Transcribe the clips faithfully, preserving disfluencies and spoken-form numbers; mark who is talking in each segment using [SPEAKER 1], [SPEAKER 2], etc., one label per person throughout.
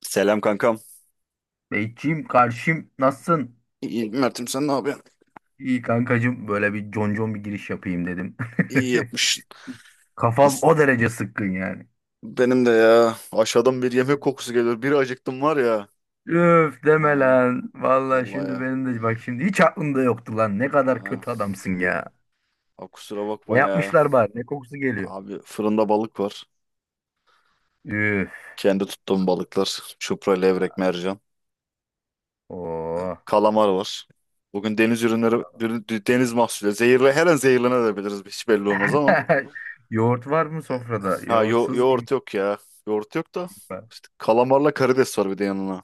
[SPEAKER 1] Selam kankam.
[SPEAKER 2] Beyciğim karşım nasılsın?
[SPEAKER 1] İyi, Mert'im sen ne yapıyorsun?
[SPEAKER 2] İyi kankacım, böyle bir concon bir giriş yapayım dedim.
[SPEAKER 1] İyi yapmışsın.
[SPEAKER 2] Kafam
[SPEAKER 1] As-
[SPEAKER 2] o derece sıkkın yani.
[SPEAKER 1] Benim de ya aşağıdan bir yemek kokusu geliyor. Bir acıktım var ya.
[SPEAKER 2] Üf deme
[SPEAKER 1] Ha,
[SPEAKER 2] lan. Vallahi
[SPEAKER 1] vallahi
[SPEAKER 2] şimdi
[SPEAKER 1] ya.
[SPEAKER 2] benim de bak şimdi hiç aklımda yoktu lan. Ne kadar
[SPEAKER 1] Ha,
[SPEAKER 2] kötü adamsın ya.
[SPEAKER 1] abi kusura bakma
[SPEAKER 2] Ne
[SPEAKER 1] ya.
[SPEAKER 2] yapmışlar bari? Ne kokusu geliyor?
[SPEAKER 1] Abi fırında balık var.
[SPEAKER 2] Üf.
[SPEAKER 1] Kendi tuttuğum balıklar. Çupra, levrek, mercan.
[SPEAKER 2] Oo.
[SPEAKER 1] Kalamar var. Bugün deniz ürünleri, bir- deniz mahsulü. Zehirle, her an zehirlenebiliriz. Hiç belli olmaz ama.
[SPEAKER 2] Yoğurt var mı sofrada?
[SPEAKER 1] Ha, yo,
[SPEAKER 2] Yoğurtsuz yiyeyim
[SPEAKER 1] yoğurt yok ya. Yoğurt yok da.
[SPEAKER 2] ben.
[SPEAKER 1] Kalamarla karides var bir de yanına.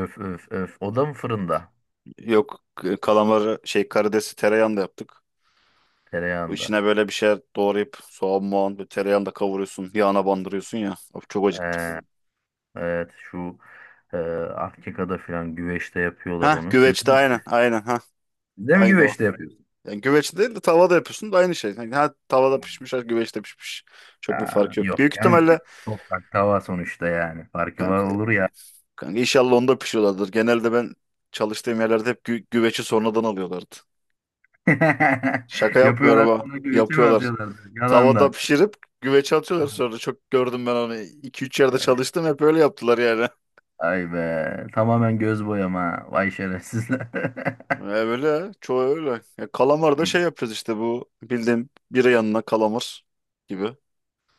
[SPEAKER 2] Öf öf öf. O da mı fırında?
[SPEAKER 1] Yok, kalamar şey karidesi tereyağında yaptık. Bu
[SPEAKER 2] Tereyağında.
[SPEAKER 1] içine böyle bir şeyler doğrayıp soğan muğan ve tereyağını da kavuruyorsun. Yağına bandırıyorsun ya. Of, çok acıktım.
[SPEAKER 2] Ee, evet şu e, Afrika'da filan güveçte yapıyorlar
[SPEAKER 1] Ha,
[SPEAKER 2] onu. Siz
[SPEAKER 1] güveçte aynen aynen, ha.
[SPEAKER 2] Siz de mi
[SPEAKER 1] Aynı o.
[SPEAKER 2] güveçte yapıyorsunuz?
[SPEAKER 1] Yani güveçte değil de tavada yapıyorsun da aynı şey. Yani ha tavada pişmiş ha güveçte pişmiş. Çok bir
[SPEAKER 2] Aa,
[SPEAKER 1] fark yok.
[SPEAKER 2] yok
[SPEAKER 1] Büyük
[SPEAKER 2] canım.
[SPEAKER 1] ihtimalle
[SPEAKER 2] Toprak tava sonuçta yani. Farkı var
[SPEAKER 1] kanka,
[SPEAKER 2] olur ya.
[SPEAKER 1] kanka inşallah onda pişiyorlardır. Genelde ben çalıştığım yerlerde hep gü güveci sonradan alıyorlardı. Şaka yapmıyorum,
[SPEAKER 2] Yapıyorlar
[SPEAKER 1] ha.
[SPEAKER 2] sonra güveçe mi
[SPEAKER 1] Yapıyorlar.
[SPEAKER 2] atıyorlar?
[SPEAKER 1] Tavada
[SPEAKER 2] Yalandan.
[SPEAKER 1] pişirip güveçe atıyorlar sonra. Çok gördüm ben onu. İki üç yerde
[SPEAKER 2] Evet.
[SPEAKER 1] çalıştım, hep öyle yaptılar yani.
[SPEAKER 2] Ay be. Tamamen göz boyama. Vay şerefsizler.
[SPEAKER 1] E, öyle. Çoğu öyle. Ya, kalamar da
[SPEAKER 2] Hmm.
[SPEAKER 1] şey yapıyoruz, işte bu bildiğim bira yanına kalamar gibi.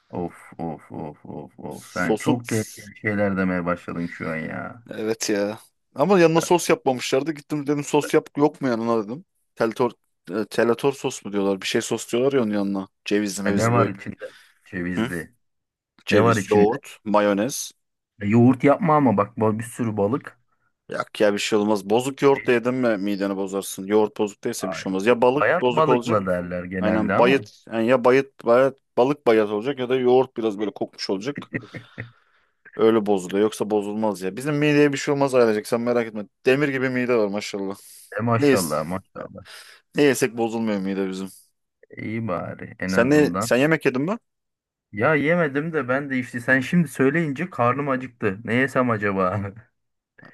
[SPEAKER 2] Of of of of of. Sen
[SPEAKER 1] Sosu,
[SPEAKER 2] çok tehlikeli şeyler demeye başladın şu an ya.
[SPEAKER 1] evet ya. Ama yanına sos yapmamışlardı. Gittim, dedim sos yap yok mu yanına dedim. Teltor e, Telator sos mu diyorlar? Bir şey sos diyorlar ya onun yanına. Cevizli
[SPEAKER 2] Ya ne
[SPEAKER 1] mevizli
[SPEAKER 2] var
[SPEAKER 1] böyle.
[SPEAKER 2] içinde?
[SPEAKER 1] Hı?
[SPEAKER 2] Cevizli. Ne var
[SPEAKER 1] Ceviz,
[SPEAKER 2] içinde?
[SPEAKER 1] yoğurt, mayonez.
[SPEAKER 2] Ya yoğurt yapma ama bak bu- bir sürü balık.
[SPEAKER 1] Yak ya, bir şey olmaz. Bozuk yoğurt da
[SPEAKER 2] Risk.
[SPEAKER 1] yedin mi mideni bozarsın. Yoğurt bozuk değilse bir
[SPEAKER 2] Ay.
[SPEAKER 1] şey olmaz. Ya balık
[SPEAKER 2] Bayat
[SPEAKER 1] bozuk olacak.
[SPEAKER 2] balıkla derler genelde
[SPEAKER 1] Aynen,
[SPEAKER 2] ama.
[SPEAKER 1] bayıt. Yani ya bayıt, bayat- balık bayat olacak ya da yoğurt biraz böyle kokmuş olacak. Öyle bozuluyor. Yoksa bozulmaz ya. Bizim mideye bir şey olmaz ailecek. Sen merak etme. Demir gibi mide var, maşallah.
[SPEAKER 2] E
[SPEAKER 1] Ne,
[SPEAKER 2] maşallah
[SPEAKER 1] yes-
[SPEAKER 2] maşallah.
[SPEAKER 1] Ne yesek bozulmuyor mide bizim.
[SPEAKER 2] İyi bari en
[SPEAKER 1] Sen ne,
[SPEAKER 2] azından.
[SPEAKER 1] sen yemek yedin mi?
[SPEAKER 2] Ya yemedim de ben de işte sen şimdi söyleyince karnım acıktı. Ne yesem acaba?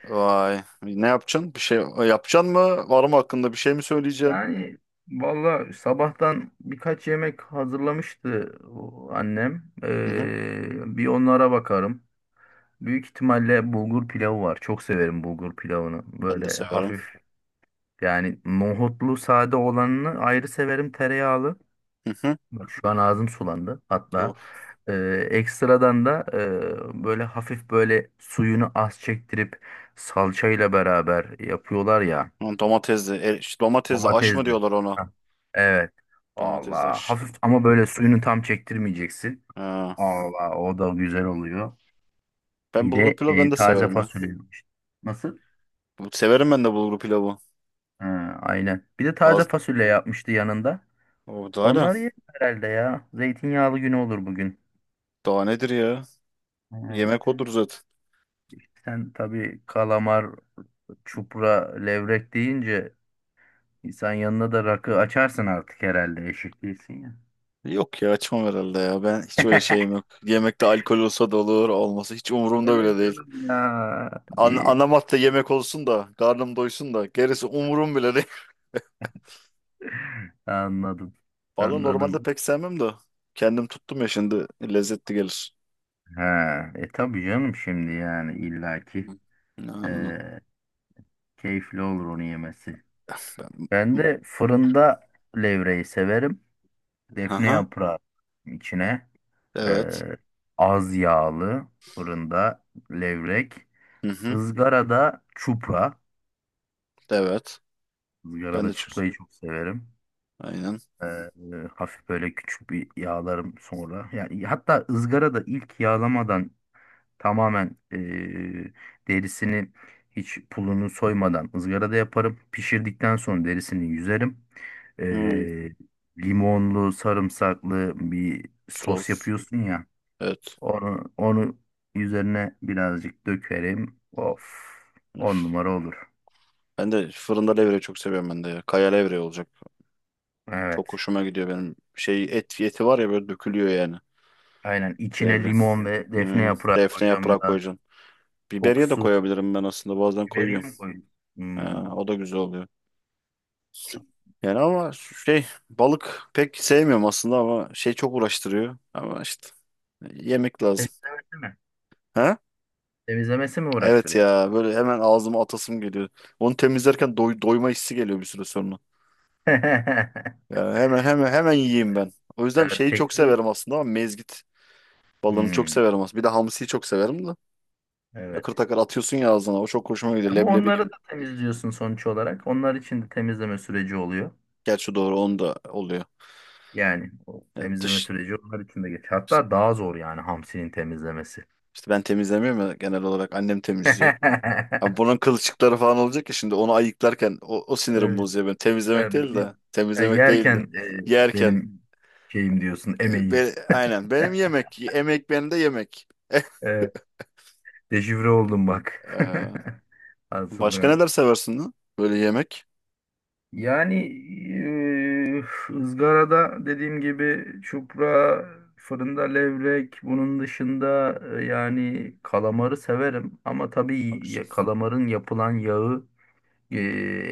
[SPEAKER 1] Vay. Ne yapacaksın? Bir şey e, yapacaksın mı? Var mı hakkında bir şey mi söyleyeceksin?
[SPEAKER 2] Yani valla sabahtan birkaç yemek hazırlamıştı o annem.
[SPEAKER 1] Hı hı.
[SPEAKER 2] Ee, bir onlara bakarım. Büyük ihtimalle bulgur pilavı var. Çok severim bulgur pilavını.
[SPEAKER 1] Ben de
[SPEAKER 2] Böyle
[SPEAKER 1] severim.
[SPEAKER 2] hafif yani nohutlu sade olanını ayrı severim tereyağlı.
[SPEAKER 1] Hı hı.
[SPEAKER 2] Bak şu an ağzım sulandı hatta.
[SPEAKER 1] Of.
[SPEAKER 2] Ee, ekstradan da e, böyle hafif böyle suyunu az çektirip salçayla beraber yapıyorlar ya.
[SPEAKER 1] Lan domatesli. E, işte domatesli aş mı
[SPEAKER 2] Domatesli.
[SPEAKER 1] diyorlar ona?
[SPEAKER 2] Heh, evet.
[SPEAKER 1] Domatesli
[SPEAKER 2] Allah
[SPEAKER 1] aş.
[SPEAKER 2] hafif ama böyle suyunu tam çektirmeyeceksin.
[SPEAKER 1] Ha.
[SPEAKER 2] Allah o da güzel oluyor.
[SPEAKER 1] Ben
[SPEAKER 2] Bir
[SPEAKER 1] bulgur
[SPEAKER 2] de
[SPEAKER 1] pilavı ben
[SPEAKER 2] e,
[SPEAKER 1] de
[SPEAKER 2] taze
[SPEAKER 1] severim ya.
[SPEAKER 2] fasulye yapmıştı. Nasıl?
[SPEAKER 1] Bu- Severim ben de bulgur pilavı.
[SPEAKER 2] Ha, aynen. Bir de taze
[SPEAKER 1] Taz-
[SPEAKER 2] fasulye yapmıştı yanında.
[SPEAKER 1] O daha ne?
[SPEAKER 2] Onları yer herhalde ya. Zeytinyağlı günü olur bugün.
[SPEAKER 1] Daha nedir ya?
[SPEAKER 2] Evet.
[SPEAKER 1] Yemek odur zaten.
[SPEAKER 2] işte sen tabii kalamar, çupra, levrek deyince sen yanına da rakı açarsın artık herhalde eşek değilsin ya.
[SPEAKER 1] Yok ya, açmam herhalde ya. Ben hiç öyle şeyim yok. Yemekte alkol olsa da olur, olmasa hiç umurumda bile
[SPEAKER 2] Neden
[SPEAKER 1] değil.
[SPEAKER 2] canım ya?
[SPEAKER 1] An
[SPEAKER 2] Bir...
[SPEAKER 1] ana madde yemek olsun da, karnım doysun da gerisi umurum bile değil.
[SPEAKER 2] Anladım.
[SPEAKER 1] Valla normalde
[SPEAKER 2] Anladım.
[SPEAKER 1] pek sevmem de kendim tuttum ya, şimdi lezzetli gelir.
[SPEAKER 2] He, e tabii canım şimdi yani illaki
[SPEAKER 1] Hı.
[SPEAKER 2] e,
[SPEAKER 1] Aa,
[SPEAKER 2] keyifli olur onu yemesi.
[SPEAKER 1] Ben...
[SPEAKER 2] Ben de fırında levreyi severim. Defne
[SPEAKER 1] Aha,
[SPEAKER 2] yaprağı içine e,
[SPEAKER 1] evet.
[SPEAKER 2] az yağlı fırında levrek.
[SPEAKER 1] Hı hı,
[SPEAKER 2] Izgarada çupra.
[SPEAKER 1] evet. Ben
[SPEAKER 2] Izgarada
[SPEAKER 1] de çok...
[SPEAKER 2] çuprayı çok severim.
[SPEAKER 1] Aynen.
[SPEAKER 2] Ee, hafif böyle küçük bir yağlarım sonra. Yani hatta ızgara da ilk yağlamadan tamamen ee, derisini hiç pulunu soymadan ızgarada yaparım. Pişirdikten sonra derisini yüzerim.
[SPEAKER 1] Hmm,
[SPEAKER 2] Ee, limonlu, sarımsaklı bir sos
[SPEAKER 1] sos.
[SPEAKER 2] yapıyorsun ya.
[SPEAKER 1] Evet.
[SPEAKER 2] Onu, onu üzerine birazcık dökerim. Of, on
[SPEAKER 1] Üf.
[SPEAKER 2] numara olur.
[SPEAKER 1] Ben de fırında levreyi çok seviyorum ben de ya. Kaya levreği olacak. Çok
[SPEAKER 2] Evet.
[SPEAKER 1] hoşuma gidiyor benim. Şey, et eti var ya, böyle dökülüyor yani.
[SPEAKER 2] Aynen içine
[SPEAKER 1] Levre.
[SPEAKER 2] limon ve defne
[SPEAKER 1] Hmm,
[SPEAKER 2] yaprağı
[SPEAKER 1] defne
[SPEAKER 2] koyacağım
[SPEAKER 1] yaprağı
[SPEAKER 2] biraz.
[SPEAKER 1] koyacaksın. Biberiye de
[SPEAKER 2] Kokusu.
[SPEAKER 1] koyabilirim ben aslında. Bazen
[SPEAKER 2] Biberiye
[SPEAKER 1] koyuyorum.
[SPEAKER 2] mi koyuyorsun?
[SPEAKER 1] Ha,
[SPEAKER 2] Hmm.
[SPEAKER 1] o da güzel oluyor. Yani ama şey balık pek sevmiyorum aslında, ama şey çok uğraştırıyor. Ama işte e, yemek lazım.
[SPEAKER 2] Temizlemesi mi?
[SPEAKER 1] Ha?
[SPEAKER 2] Temizlemesi mi
[SPEAKER 1] Evet
[SPEAKER 2] uğraştırıyor?
[SPEAKER 1] ya, böyle hemen ağzıma atasım geliyor. Onu temizlerken doy- doyma hissi geliyor bir süre sonra. Yani hemen hemen hemen yiyeyim ben. O yüzden
[SPEAKER 2] Ya
[SPEAKER 1] şeyi çok
[SPEAKER 2] tekniği...
[SPEAKER 1] severim aslında, ama mezgit balığını çok
[SPEAKER 2] Hmm,
[SPEAKER 1] severim aslında. Bir de hamsiyi çok severim de.
[SPEAKER 2] evet.
[SPEAKER 1] Takır takır atıyorsun ya ağzına. O çok hoşuma gidiyor.
[SPEAKER 2] Ama
[SPEAKER 1] Leblebi gibi.
[SPEAKER 2] onları da temizliyorsun sonuç olarak. Onlar için de temizleme süreci oluyor.
[SPEAKER 1] Gerçi doğru, onu da oluyor.
[SPEAKER 2] Yani o
[SPEAKER 1] Yani
[SPEAKER 2] temizleme
[SPEAKER 1] dış
[SPEAKER 2] süreci onlar için de geç.
[SPEAKER 1] işte,
[SPEAKER 2] Hatta daha zor yani hamsinin temizlemesi.
[SPEAKER 1] işte ben temizlemiyorum ya, genel olarak annem temizliyor. Abi bunun kılçıkları falan olacak ya, şimdi onu ayıklarken o, o sinirim
[SPEAKER 2] Evet.
[SPEAKER 1] bozuyor ben. Temizlemek
[SPEAKER 2] Tabii.
[SPEAKER 1] değil
[SPEAKER 2] bir-
[SPEAKER 1] de
[SPEAKER 2] e,
[SPEAKER 1] temizlemek değil
[SPEAKER 2] yerken
[SPEAKER 1] de
[SPEAKER 2] e,
[SPEAKER 1] yerken
[SPEAKER 2] benim şeyim diyorsun,
[SPEAKER 1] e,
[SPEAKER 2] emeğim.
[SPEAKER 1] be- aynen benim yemek, emek benim de yemek.
[SPEAKER 2] E, deşifre oldum bak.
[SPEAKER 1] Ee, Başka
[SPEAKER 2] Aslında.
[SPEAKER 1] neler seversin lan? Böyle yemek.
[SPEAKER 2] Yani eee, ızgarada dediğim gibi çupra, fırında levrek, bunun dışında e, yani kalamarı severim ama
[SPEAKER 1] Aa,
[SPEAKER 2] tabii
[SPEAKER 1] güzel.
[SPEAKER 2] ya- kalamarın yapılan yağı e,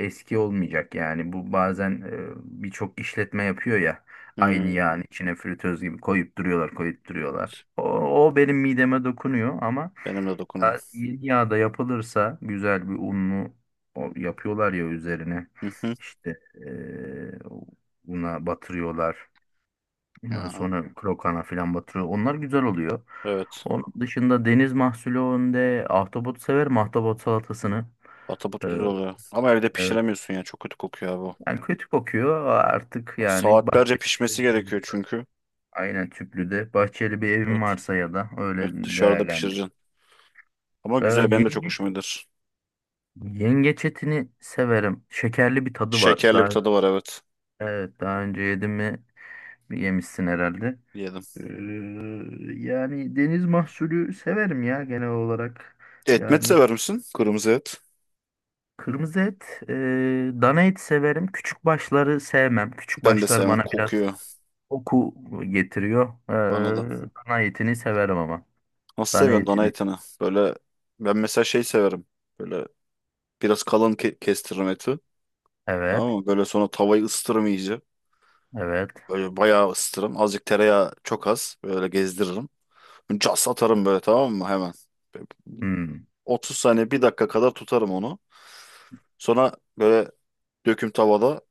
[SPEAKER 2] eski olmayacak. Yani bu bazen e, birçok işletme yapıyor ya aynı
[SPEAKER 1] Hmm,
[SPEAKER 2] yağın içine fritöz gibi koyup duruyorlar, koyup duruyorlar. O, o benim mideme dokunuyor ama
[SPEAKER 1] benim de
[SPEAKER 2] ha,
[SPEAKER 1] dokunuyor.
[SPEAKER 2] İri yağda yapılırsa güzel bir unlu o yapıyorlar ya üzerine
[SPEAKER 1] Hı hı.
[SPEAKER 2] işte eee una batırıyorlar. Ondan
[SPEAKER 1] Ya,
[SPEAKER 2] sonra krokana falan batırıyor. Onlar güzel oluyor.
[SPEAKER 1] evet.
[SPEAKER 2] Onun dışında deniz mahsulü önünde ahtapot severim ahtapot salatasını.
[SPEAKER 1] Atabut
[SPEAKER 2] Ee,
[SPEAKER 1] güzel oluyor. Ama evde
[SPEAKER 2] evet.
[SPEAKER 1] pişiremiyorsun ya. Çok kötü kokuyor abi o.
[SPEAKER 2] Yani kötü kokuyor artık
[SPEAKER 1] Ya,
[SPEAKER 2] yani
[SPEAKER 1] saatlerce
[SPEAKER 2] bahçeli bir
[SPEAKER 1] pişmesi
[SPEAKER 2] evin olur.
[SPEAKER 1] gerekiyor çünkü.
[SPEAKER 2] Aynen tüplü de bahçeli bir evin
[SPEAKER 1] Evet.
[SPEAKER 2] varsa ya da öyle
[SPEAKER 1] Evet, dışarıda
[SPEAKER 2] değerlendir.
[SPEAKER 1] pişireceksin. Ama
[SPEAKER 2] Ee,
[SPEAKER 1] güzel, benim de çok
[SPEAKER 2] yengeç
[SPEAKER 1] hoşuma gider.
[SPEAKER 2] Yengeç etini severim. Şekerli bir tadı var.
[SPEAKER 1] Şekerli bir
[SPEAKER 2] Daha,
[SPEAKER 1] tadı var, evet.
[SPEAKER 2] evet, daha önce yedim mi yemişsin herhalde.
[SPEAKER 1] Yedim.
[SPEAKER 2] Ee, yani deniz mahsulü severim ya genel olarak.
[SPEAKER 1] Etmet
[SPEAKER 2] Yani
[SPEAKER 1] sever misin? Kırmızı et.
[SPEAKER 2] kırmızı et, e, dana et severim. Küçük başları sevmem. Küçük
[SPEAKER 1] Ben de
[SPEAKER 2] başlar
[SPEAKER 1] sevmem.
[SPEAKER 2] bana biraz
[SPEAKER 1] Kokuyor
[SPEAKER 2] koku getiriyor.
[SPEAKER 1] bana da.
[SPEAKER 2] Ee, dana etini severim ama.
[SPEAKER 1] Nasıl
[SPEAKER 2] Dana
[SPEAKER 1] seviyorsun dana
[SPEAKER 2] etini.
[SPEAKER 1] etini? Böyle ben mesela şey severim. Böyle biraz kalın ke- kestiririm eti. Tamam
[SPEAKER 2] Evet,
[SPEAKER 1] mı? Böyle sonra tavayı ısıtırım iyice.
[SPEAKER 2] evet.
[SPEAKER 1] Böyle bayağı ısıtırım. Azıcık tereyağı, çok az. Böyle gezdiririm. Cas atarım böyle, tamam mı? Hemen. Böyle
[SPEAKER 2] Hmm.
[SPEAKER 1] otuz saniye bir dakika kadar tutarım onu. Sonra böyle döküm tavada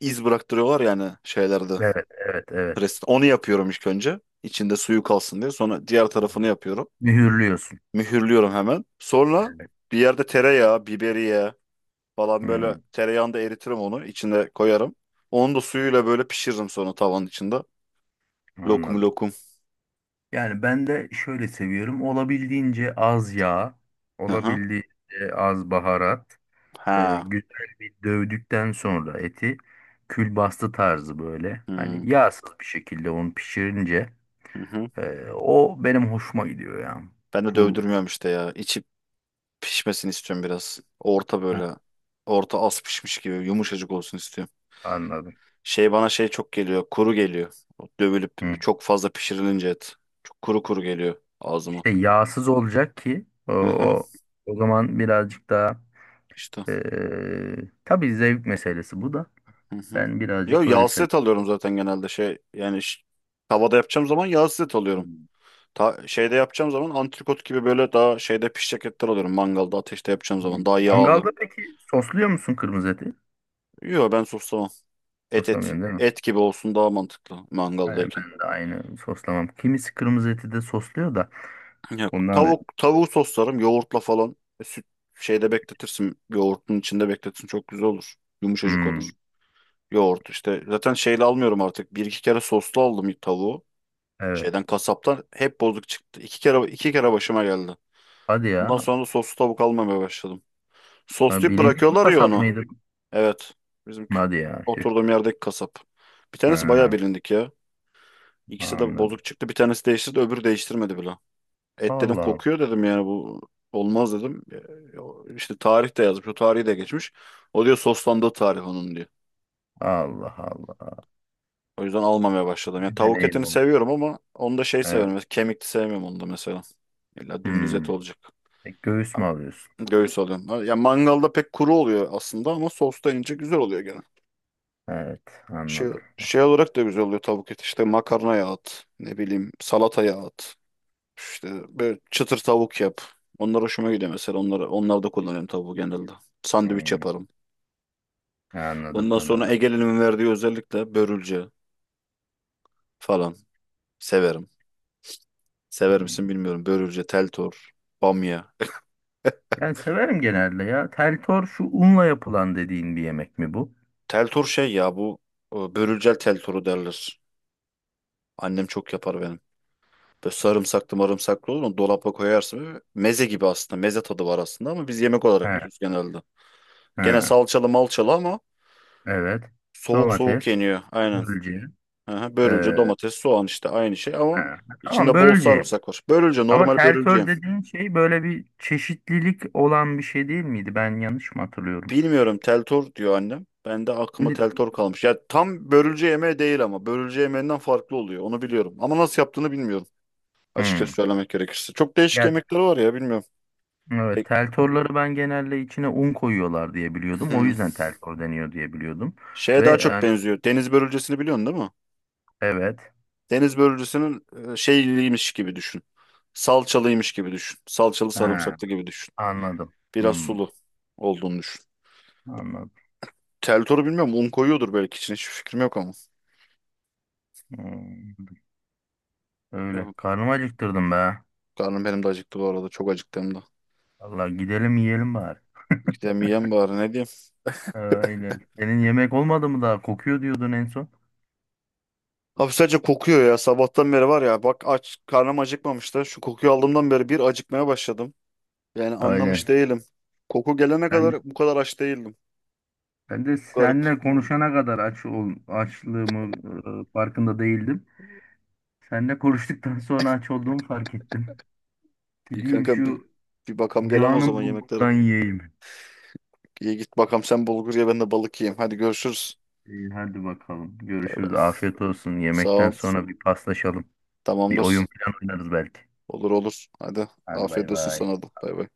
[SPEAKER 1] iz bıraktırıyorlar yani şeylerde.
[SPEAKER 2] Evet, evet, evet.
[SPEAKER 1] Preston. Onu yapıyorum ilk önce. İçinde suyu kalsın diye. Sonra diğer tarafını yapıyorum.
[SPEAKER 2] Mühürlüyorsun.
[SPEAKER 1] Mühürlüyorum hemen. Sonra
[SPEAKER 2] Evet.
[SPEAKER 1] bir yerde tereyağı, biberiye falan, böyle
[SPEAKER 2] Hmm,
[SPEAKER 1] tereyağında eritirim onu. İçine koyarım. Onu da suyuyla böyle pişiririm sonra tavanın içinde. Lokum
[SPEAKER 2] anladım.
[SPEAKER 1] lokum.
[SPEAKER 2] Yani ben de şöyle seviyorum. Olabildiğince az yağ,
[SPEAKER 1] Hı hı.
[SPEAKER 2] olabildiğince az baharat, e,
[SPEAKER 1] Ha.
[SPEAKER 2] güzel bir dövdükten sonra eti külbastı tarzı böyle. Hani
[SPEAKER 1] Hmm.
[SPEAKER 2] yağsız bir şekilde onu pişirince
[SPEAKER 1] Hı hı.
[SPEAKER 2] e, o benim hoşuma gidiyor yani.
[SPEAKER 1] Ben de
[SPEAKER 2] Kur,
[SPEAKER 1] dövdürmüyorum işte ya. İçi pişmesini istiyorum biraz. Orta
[SPEAKER 2] ha,
[SPEAKER 1] böyle. Orta az pişmiş gibi yumuşacık olsun istiyorum.
[SPEAKER 2] anladım.
[SPEAKER 1] Şey bana şey çok geliyor. Kuru geliyor.
[SPEAKER 2] Hı.
[SPEAKER 1] Dövülüp çok fazla pişirilince et. Çok kuru kuru geliyor ağzıma.
[SPEAKER 2] İşte yağsız olacak ki o,
[SPEAKER 1] Hı hı.
[SPEAKER 2] o o zaman birazcık daha
[SPEAKER 1] İşte.
[SPEAKER 2] eee tabii zevk meselesi bu da.
[SPEAKER 1] Hı hı.
[SPEAKER 2] Ben
[SPEAKER 1] Yo,
[SPEAKER 2] birazcık öyle
[SPEAKER 1] yağsız et alıyorum zaten genelde şey. Yani ş- tavada yapacağım zaman yağsız et alıyorum.
[SPEAKER 2] seviyorum.
[SPEAKER 1] Ta, şeyde yapacağım zaman antrikot gibi, böyle daha şeyde pişecek etler alıyorum. Mangalda ateşte yapacağım zaman
[SPEAKER 2] Hmm.
[SPEAKER 1] daha yağlı.
[SPEAKER 2] Mangalda peki sosluyor musun kırmızı eti?
[SPEAKER 1] Yo, ben soslamam. Et, et
[SPEAKER 2] Soslamıyorsun değil mi?
[SPEAKER 1] et gibi olsun, daha mantıklı
[SPEAKER 2] Aynen
[SPEAKER 1] mangaldayken.
[SPEAKER 2] ben de aynı soslamam. Kimisi kırmızı eti de sosluyor da.
[SPEAKER 1] Yok.
[SPEAKER 2] Bundan da...
[SPEAKER 1] Tavuk, tavuğu soslarım yoğurtla falan. E, Süt şeyde bekletirsin. Yoğurtun içinde bekletirsin. Çok güzel olur. Yumuşacık
[SPEAKER 2] Hmm,
[SPEAKER 1] olur. Yoğurt işte. Zaten şeyle almıyorum artık. Bir iki kere soslu aldım tavuğu.
[SPEAKER 2] evet.
[SPEAKER 1] Şeyden, kasaptan hep bozuk çıktı. İki kere iki kere başıma geldi.
[SPEAKER 2] Hadi
[SPEAKER 1] Bundan
[SPEAKER 2] ya.
[SPEAKER 1] sonra da soslu tavuk almamaya başladım.
[SPEAKER 2] Ha,
[SPEAKER 1] Soslayıp
[SPEAKER 2] bilindik bir
[SPEAKER 1] bırakıyorlar ya
[SPEAKER 2] kasap
[SPEAKER 1] onu.
[SPEAKER 2] mıydı?
[SPEAKER 1] Evet. Bizim kü-
[SPEAKER 2] Hadi ya. Tüh.
[SPEAKER 1] oturduğum yerdeki kasap. Bir tanesi bayağı
[SPEAKER 2] Ha,
[SPEAKER 1] bilindik ya. İkisi de
[SPEAKER 2] anladım.
[SPEAKER 1] bozuk çıktı. Bir tanesi değiştirdi, öbürü değiştirmedi bile.
[SPEAKER 2] Allah
[SPEAKER 1] Et dedim,
[SPEAKER 2] Allah.
[SPEAKER 1] kokuyor dedim, yani bu olmaz dedim. E, İşte tarih de yazmış. O tarihi de geçmiş. O diyor soslandığı tarih onun diyor.
[SPEAKER 2] Allah
[SPEAKER 1] O yüzden almamaya başladım. Yani
[SPEAKER 2] bir
[SPEAKER 1] tavuk
[SPEAKER 2] deneyim
[SPEAKER 1] etini
[SPEAKER 2] olmuş.
[SPEAKER 1] seviyorum ama onu da şey
[SPEAKER 2] Evet.
[SPEAKER 1] seviyorum. Mesela kemikli sevmiyorum onu da mesela. İlla dümdüz
[SPEAKER 2] Hmm.
[SPEAKER 1] et olacak.
[SPEAKER 2] E, göğüs mü alıyorsun?
[SPEAKER 1] Göğüs alıyorum. Ha, ya mangalda pek kuru oluyor aslında ama sosta ince güzel oluyor gene.
[SPEAKER 2] Evet.
[SPEAKER 1] Şey,
[SPEAKER 2] Anladım.
[SPEAKER 1] şey olarak da güzel oluyor tavuk eti. İşte makarnaya at. Ne bileyim, salataya at. İşte böyle çıtır tavuk yap. Onlar hoşuma gidiyor mesela. Onları, onlarda kullanıyorum tavuğu genelde. Sandviç
[SPEAKER 2] Hmm,
[SPEAKER 1] yaparım.
[SPEAKER 2] anladım.
[SPEAKER 1] Ondan sonra
[SPEAKER 2] Anladım.
[SPEAKER 1] Ege'nin verdiği özellikle börülce falan severim. Sever
[SPEAKER 2] Hmm.
[SPEAKER 1] misin bilmiyorum. Börülce, teltor, bamya.
[SPEAKER 2] Ben severim genelde ya. Teltor şu unla yapılan dediğin bir yemek mi bu?
[SPEAKER 1] Teltor şey ya, bu e, börülcel teltoru derler. Annem çok yapar benim. Böyle sarımsaklı marımsaklı olur, onu dolapa koyarsın. Böyle meze gibi aslında. Meze tadı var aslında ama biz yemek
[SPEAKER 2] He,
[SPEAKER 1] olarak yiyoruz genelde.
[SPEAKER 2] he.
[SPEAKER 1] Gene salçalı malçalı ama
[SPEAKER 2] Evet.
[SPEAKER 1] soğuk soğuk
[SPEAKER 2] Domates,
[SPEAKER 1] yeniyor. Aynen.
[SPEAKER 2] börülce.
[SPEAKER 1] Aha, börülce,
[SPEAKER 2] Ee,
[SPEAKER 1] domates, soğan, işte aynı şey ama
[SPEAKER 2] ha, tamam
[SPEAKER 1] içinde bol
[SPEAKER 2] börülce.
[SPEAKER 1] sarımsak var. Börülce,
[SPEAKER 2] Ama
[SPEAKER 1] normal börülce.
[SPEAKER 2] tentör dediğin şey böyle bir çeşitlilik olan bir şey değil miydi? Ben yanlış mı hatırlıyorum?
[SPEAKER 1] Bilmiyorum, Teltor diyor annem. Ben de aklıma
[SPEAKER 2] Şimdi
[SPEAKER 1] Teltor kalmış. Ya, tam börülce yemeği değil ama börülce yemeğinden farklı oluyor. Onu biliyorum. Ama nasıl yaptığını bilmiyorum. Açıkça
[SPEAKER 2] hmm.
[SPEAKER 1] söylemek gerekirse. Çok değişik
[SPEAKER 2] Ya,
[SPEAKER 1] yemekleri var ya, bilmiyorum.
[SPEAKER 2] evet,
[SPEAKER 1] E,
[SPEAKER 2] teltorları ben genelde içine un koyuyorlar diye biliyordum. O
[SPEAKER 1] hmm.
[SPEAKER 2] yüzden teltor deniyor diye biliyordum.
[SPEAKER 1] Şeye
[SPEAKER 2] Ve
[SPEAKER 1] daha çok
[SPEAKER 2] e,
[SPEAKER 1] benziyor. Deniz börülcesini biliyorsun değil mi?
[SPEAKER 2] evet.
[SPEAKER 1] Deniz börülcesinin e, şeyliymiş gibi düşün. Salçalıymış gibi düşün. Salçalı
[SPEAKER 2] Ha,
[SPEAKER 1] sarımsaklı gibi düşün.
[SPEAKER 2] anladım.
[SPEAKER 1] Biraz
[SPEAKER 2] Hmm,
[SPEAKER 1] sulu olduğunu düşün.
[SPEAKER 2] anladım.
[SPEAKER 1] Teltoru bilmiyorum. Un koyuyordur belki içine. Hiçbir fikrim yok ama.
[SPEAKER 2] Hmm, öyle.
[SPEAKER 1] Evet.
[SPEAKER 2] Karnımı acıktırdım be.
[SPEAKER 1] Karnım benim de acıktı bu arada. Çok acıktım da.
[SPEAKER 2] Vallahi gidelim yiyelim bari.
[SPEAKER 1] Gidemeyeyim bari. Ne diyeyim?
[SPEAKER 2] Aynen. Senin yemek olmadı mı daha? Kokuyor diyordun en son.
[SPEAKER 1] Abi sadece kokuyor ya. Sabahtan beri var ya. Bak aç. Karnım acıkmamış da. Şu kokuyu aldığımdan beri bir acıkmaya başladım. Yani anlamış
[SPEAKER 2] Aynen.
[SPEAKER 1] değilim. Koku gelene
[SPEAKER 2] Ben,
[SPEAKER 1] kadar bu kadar aç değildim.
[SPEAKER 2] ben de
[SPEAKER 1] Garip.
[SPEAKER 2] seninle konuşana kadar aç ol, açlığımı e, farkında değildim. Seninle konuştuktan sonra aç olduğumu fark ettim.
[SPEAKER 1] İyi
[SPEAKER 2] Gideyim
[SPEAKER 1] kanka, bir,
[SPEAKER 2] şu
[SPEAKER 1] bir bakam gelem o
[SPEAKER 2] canım
[SPEAKER 1] zaman yemeklere.
[SPEAKER 2] bulgurdan yiyeyim.
[SPEAKER 1] İyi, git bakam sen bulgur ye, ben de balık yiyeyim. Hadi, görüşürüz.
[SPEAKER 2] İyi, hadi bakalım.
[SPEAKER 1] Bay
[SPEAKER 2] Görüşürüz.
[SPEAKER 1] bay.
[SPEAKER 2] Afiyet olsun.
[SPEAKER 1] Sağ
[SPEAKER 2] Yemekten
[SPEAKER 1] ol.
[SPEAKER 2] sonra bir paslaşalım. Bir
[SPEAKER 1] Tamamdır.
[SPEAKER 2] oyun falan oynarız belki.
[SPEAKER 1] Olur olur. Hadi.
[SPEAKER 2] Hadi bay
[SPEAKER 1] Afiyet olsun
[SPEAKER 2] bay.
[SPEAKER 1] sana da. Bay bay.